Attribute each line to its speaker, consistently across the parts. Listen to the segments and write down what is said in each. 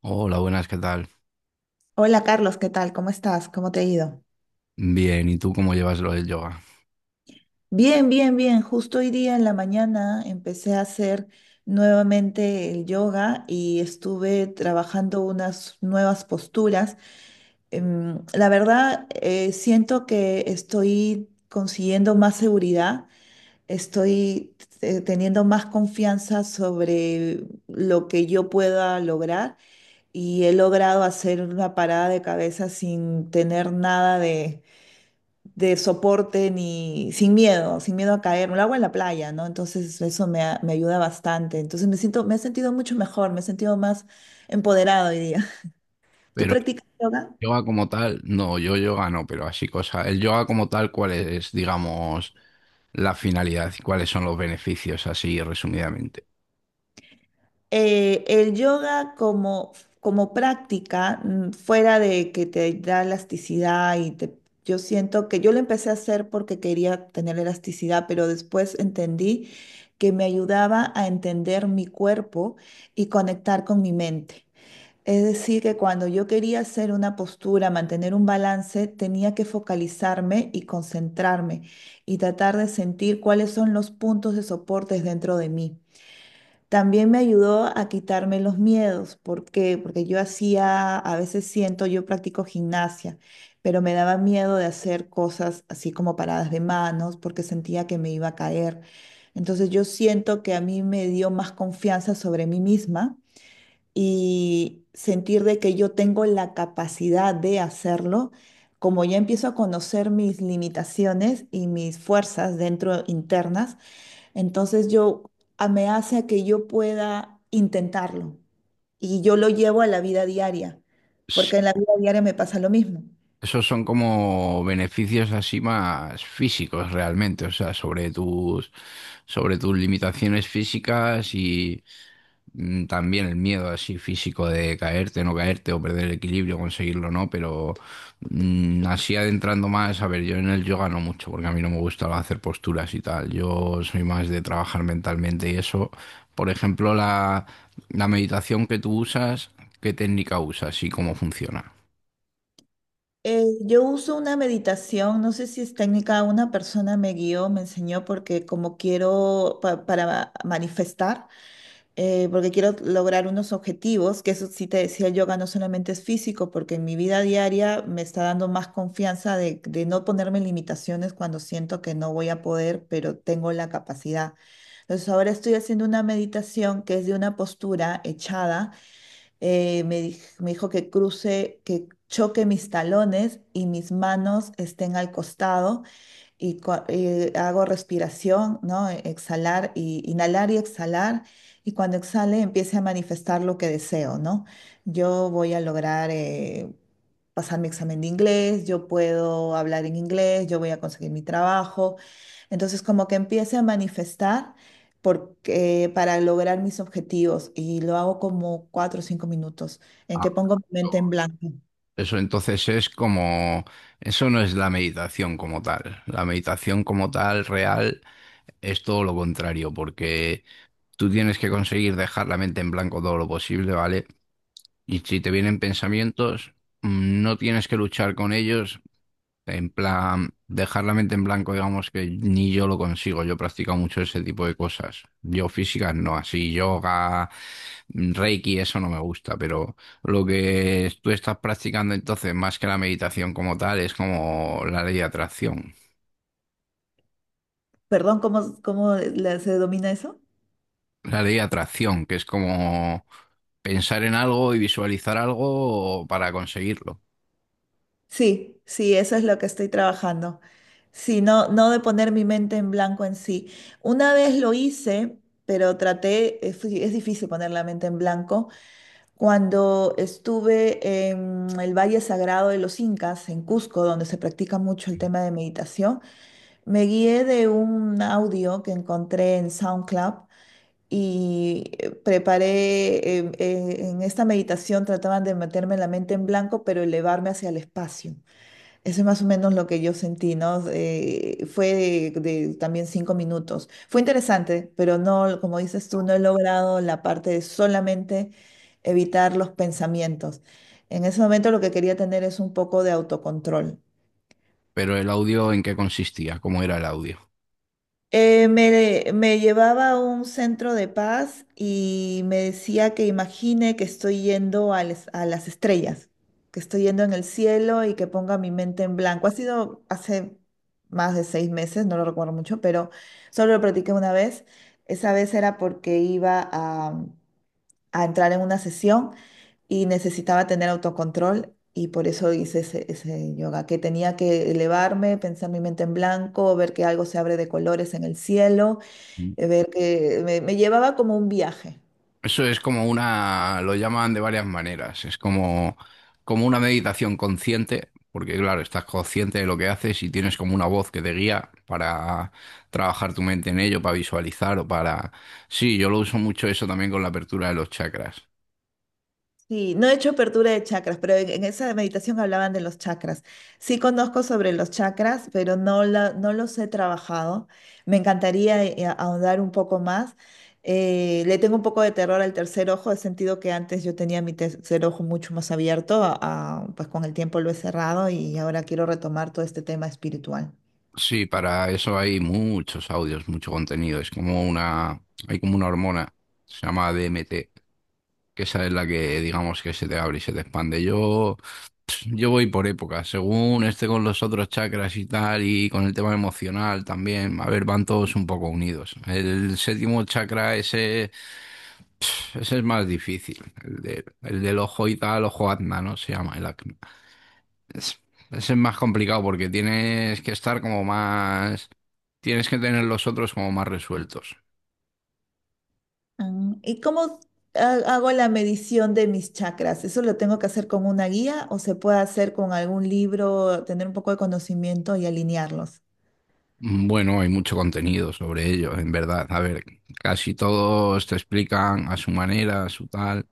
Speaker 1: Hola, buenas, ¿qué tal?
Speaker 2: Hola Carlos, ¿qué tal? ¿Cómo estás? ¿Cómo te ha ido?
Speaker 1: Bien, ¿y tú cómo llevas lo del yoga?
Speaker 2: Bien, bien, bien. Justo hoy día en la mañana empecé a hacer nuevamente el yoga y estuve trabajando unas nuevas posturas. La verdad, siento que estoy consiguiendo más seguridad, estoy teniendo más confianza sobre lo que yo pueda lograr y he logrado hacer una parada de cabeza sin tener nada de soporte ni sin miedo, sin miedo a caer. Lo hago en la playa, ¿no? Entonces eso me ayuda bastante. Entonces me siento, me he sentido mucho mejor, me he sentido más empoderado hoy día. ¿Tú
Speaker 1: Pero el
Speaker 2: practicas yoga?
Speaker 1: yoga como tal, no, yo yoga no, pero así cosa. El yoga como tal, ¿cuál es, digamos, la finalidad y cuáles son los beneficios, así resumidamente?
Speaker 2: El yoga como, como práctica, fuera de que te da elasticidad yo siento que yo lo empecé a hacer porque quería tener elasticidad, pero después entendí que me ayudaba a entender mi cuerpo y conectar con mi mente. Es decir, que cuando yo quería hacer una postura, mantener un balance, tenía que focalizarme y concentrarme y tratar de sentir cuáles son los puntos de soportes dentro de mí. También me ayudó a quitarme los miedos. ¿Por qué? Porque yo hacía, a veces siento, yo practico gimnasia, pero me daba miedo de hacer cosas así como paradas de manos porque sentía que me iba a caer. Entonces yo siento que a mí me dio más confianza sobre mí misma y sentir de que yo tengo la capacidad de hacerlo, como ya empiezo a conocer mis limitaciones y mis fuerzas dentro internas, entonces me hace que yo pueda intentarlo y yo lo llevo a la vida diaria, porque en la vida diaria me pasa lo mismo.
Speaker 1: Esos son como beneficios así más físicos realmente, o sea, sobre tus limitaciones físicas y también el miedo así físico de caerte, no caerte o perder el equilibrio, conseguirlo, ¿no? Pero así adentrando más, a ver, yo en el yoga no mucho, porque a mí no me gusta hacer posturas y tal, yo soy más de trabajar mentalmente y eso, por ejemplo, la meditación que tú usas, ¿qué técnica usas y cómo funciona?
Speaker 2: Yo uso una meditación, no sé si es técnica, una persona me guió, me enseñó porque como quiero para manifestar, porque quiero lograr unos objetivos, que eso sí te decía, el yoga no solamente es físico, porque en mi vida diaria me está dando más confianza de no ponerme limitaciones cuando siento que no voy a poder, pero tengo la capacidad. Entonces ahora estoy haciendo una meditación que es de una postura echada. Me me dijo que cruce, que choque mis talones y mis manos estén al costado y, y hago respiración, ¿no? Exhalar y inhalar y exhalar. Y cuando exhale, empiece a manifestar lo que deseo, ¿no? Yo voy a lograr pasar mi examen de inglés, yo puedo hablar en inglés, yo voy a conseguir mi trabajo. Entonces, como que empiece a manifestar porque, para lograr mis objetivos y lo hago como 4 o 5 minutos en que pongo mi mente en blanco.
Speaker 1: Eso entonces es como, eso no es la meditación como tal. La meditación como tal real es todo lo contrario, porque tú tienes que conseguir dejar la mente en blanco todo lo posible, ¿vale? Y si te vienen pensamientos, no tienes que luchar con ellos, en plan, dejar la mente en blanco, digamos que ni yo lo consigo. Yo he practicado mucho ese tipo de cosas. Yo físicas no, así yoga, reiki, eso no me gusta, pero lo que tú estás practicando entonces, más que la meditación como tal, es como la ley de atracción.
Speaker 2: Perdón, ¿cómo, se domina eso?
Speaker 1: La ley de atracción, que es como pensar en algo y visualizar algo para conseguirlo.
Speaker 2: Sí, sí, eso es lo que estoy trabajando. Sí, no, no de poner mi mente en blanco en sí. Una vez lo hice, pero traté, es difícil poner la mente en blanco, cuando estuve en el Valle Sagrado de los Incas, en Cusco, donde se practica mucho el tema de meditación, me guié de un audio que encontré en SoundCloud y preparé, en esta meditación trataban de meterme la mente en blanco, pero elevarme hacia el espacio. Eso es más o menos lo que yo sentí, ¿no? Fue de también 5 minutos. Fue interesante, pero no, como dices tú, no he logrado la parte de solamente evitar los pensamientos. En ese momento lo que quería tener es un poco de autocontrol.
Speaker 1: Pero el audio, ¿en qué consistía? ¿Cómo era el audio?
Speaker 2: Me llevaba a un centro de paz y me decía que imagine que estoy yendo a las estrellas, que estoy yendo en el cielo y que ponga mi mente en blanco. Ha sido hace más de 6 meses, no lo recuerdo mucho, pero solo lo practiqué una vez. Esa vez era porque iba a entrar en una sesión y necesitaba tener autocontrol y por eso hice ese yoga, que tenía que elevarme, pensar mi mente en blanco, ver que algo se abre de colores en el cielo, me llevaba como un viaje.
Speaker 1: Eso es como una, lo llaman de varias maneras, es como, como una meditación consciente, porque claro, estás consciente de lo que haces y tienes como una voz que te guía para trabajar tu mente en ello, para visualizar o para... Sí, yo lo uso mucho eso también con la apertura de los chakras.
Speaker 2: Sí, no he hecho apertura de chakras, pero en esa meditación hablaban de los chakras. Sí conozco sobre los chakras, pero no, no los he trabajado. Me encantaría ahondar un poco más. Le tengo un poco de terror al tercer ojo, he sentido que antes yo tenía mi tercer ojo mucho más abierto, pues con el tiempo lo he cerrado y ahora quiero retomar todo este tema espiritual.
Speaker 1: Sí, para eso hay muchos audios, mucho contenido, es como una, hay como una hormona, se llama DMT, que esa es la que digamos que se te abre y se te expande. Yo voy por épocas, según esté con los otros chakras y tal, y con el tema emocional también. A ver, van todos un poco unidos. El séptimo chakra, ese es más difícil. El del ojo y tal, ojo Azna, ¿no? Se llama el acné. Es- ese es más complicado porque tienes que estar como más. Tienes que tener los otros como más resueltos.
Speaker 2: Ah, ¿Y cómo hago la medición de mis chakras? ¿Eso lo tengo que hacer con una guía o se puede hacer con algún libro, tener un poco de conocimiento y alinearlos?
Speaker 1: Bueno, hay mucho contenido sobre ello, en verdad. A ver, casi todos te explican a su manera, a su tal.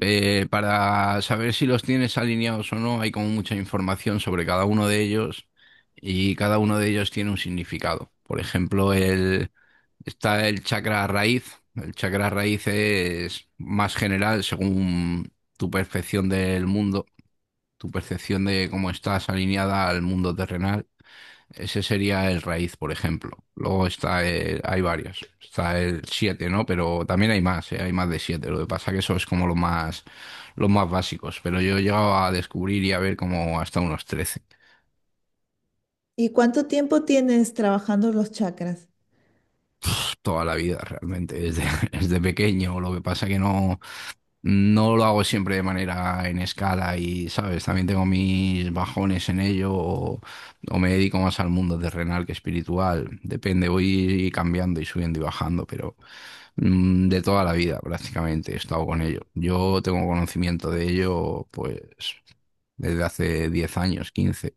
Speaker 1: Para saber si los tienes alineados o no, hay como mucha información sobre cada uno de ellos y cada uno de ellos tiene un significado. Por ejemplo, está el chakra raíz. El chakra raíz es más general según tu percepción del mundo, tu percepción de cómo estás alineada al mundo terrenal. Ese sería el raíz, por ejemplo. Luego hay varios. Está el siete, ¿no? Pero también hay más, ¿eh? Hay más de siete. Lo que pasa que eso es como lo más, los más básicos. Pero yo he llegado a descubrir y a ver como hasta unos 13.
Speaker 2: ¿Y cuánto tiempo tienes trabajando los chakras?
Speaker 1: Toda la vida, realmente, desde, desde pequeño. Lo que pasa que no. No lo hago siempre de manera en escala y, ¿sabes? También tengo mis bajones en ello o me dedico más al mundo terrenal que espiritual. Depende, voy cambiando y subiendo y bajando, pero de toda la vida prácticamente he estado con ello. Yo tengo conocimiento de ello pues desde hace 10 años, 15.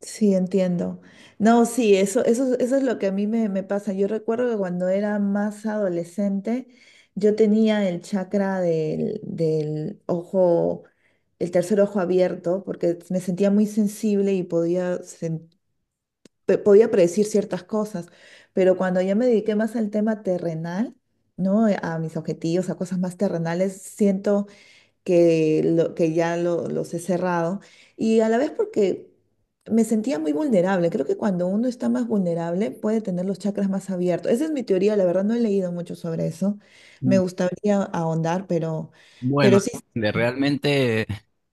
Speaker 2: Sí, entiendo. No, sí, eso es lo que a mí me pasa. Yo recuerdo que cuando era más adolescente, yo tenía el chakra del ojo, el tercer ojo abierto, porque me sentía muy sensible y podía predecir ciertas cosas, pero cuando ya me dediqué más al tema terrenal, ¿no? A mis objetivos, a cosas más terrenales, siento que ya los he cerrado y a la vez porque me sentía muy vulnerable. Creo que cuando uno está más vulnerable puede tener los chakras más abiertos. Esa es mi teoría, la verdad no he leído mucho sobre eso. Me gustaría ahondar,
Speaker 1: Bueno,
Speaker 2: pero sí,
Speaker 1: de realmente,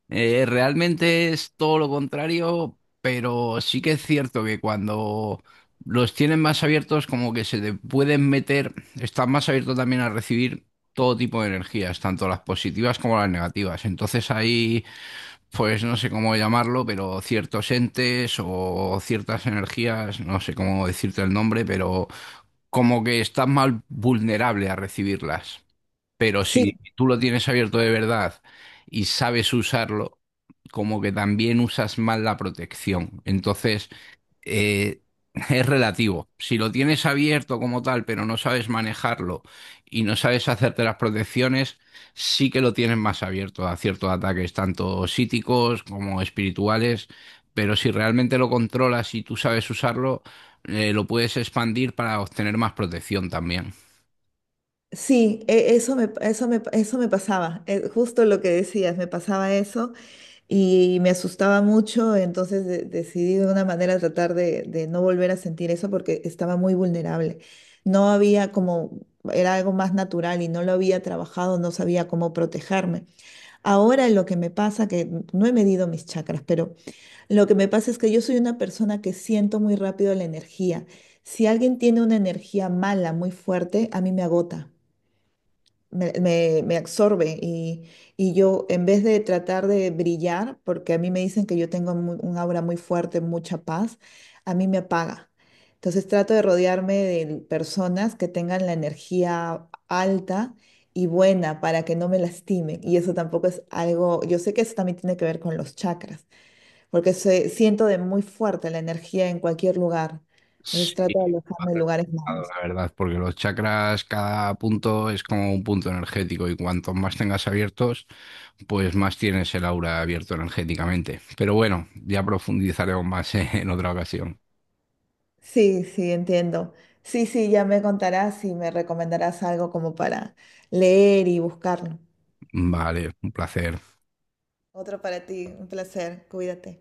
Speaker 1: realmente es todo lo contrario, pero sí que es cierto que cuando los tienen más abiertos, como que se te pueden meter, están más abiertos también a recibir todo tipo de energías, tanto las positivas como las negativas. Entonces ahí, pues no sé cómo llamarlo, pero ciertos entes o ciertas energías, no sé cómo decirte el nombre, pero como que estás más vulnerable a recibirlas. Pero
Speaker 2: sí.
Speaker 1: si tú lo tienes abierto de verdad y sabes usarlo, como que también usas mal la protección. Entonces, eh, es relativo. Si lo tienes abierto como tal, pero no sabes manejarlo y no sabes hacerte las protecciones, sí que lo tienes más abierto a ciertos ataques, tanto psíquicos como espirituales. Pero si realmente lo controlas y tú sabes usarlo, lo puedes expandir para obtener más protección también.
Speaker 2: Sí, eso eso eso me pasaba, justo lo que decías, me pasaba eso. Y me asustaba mucho, entonces decidí de una manera tratar de no volver a sentir eso porque estaba muy vulnerable. No había como, era algo más natural y no lo había trabajado, no sabía cómo protegerme. Ahora lo que me pasa, que no he medido mis chakras, pero lo que me pasa es que yo soy una persona que siento muy rápido la energía. Si alguien tiene una energía mala, muy fuerte, a mí me agota me absorbe y yo en vez de tratar de brillar, porque a mí me dicen que yo tengo un aura muy fuerte, mucha paz, a mí me apaga. Entonces trato de rodearme de personas que tengan la energía alta y buena para que no me lastimen. Y eso tampoco es algo, yo sé que eso también tiene que ver con los chakras, porque siento de muy fuerte la energía en cualquier lugar. Entonces
Speaker 1: Sí,
Speaker 2: trato de
Speaker 1: más
Speaker 2: alejarme de lugares
Speaker 1: relacionado,
Speaker 2: malos.
Speaker 1: la verdad, porque los chakras, cada punto es como un punto energético y cuantos más tengas abiertos, pues más tienes el aura abierto energéticamente. Pero bueno, ya profundizaremos más en otra ocasión.
Speaker 2: Sí, sí, entiendo. Sí, sí, ya me contarás y me recomendarás algo como para leer y buscarlo.
Speaker 1: Vale, un placer.
Speaker 2: Otro para ti, un placer, cuídate.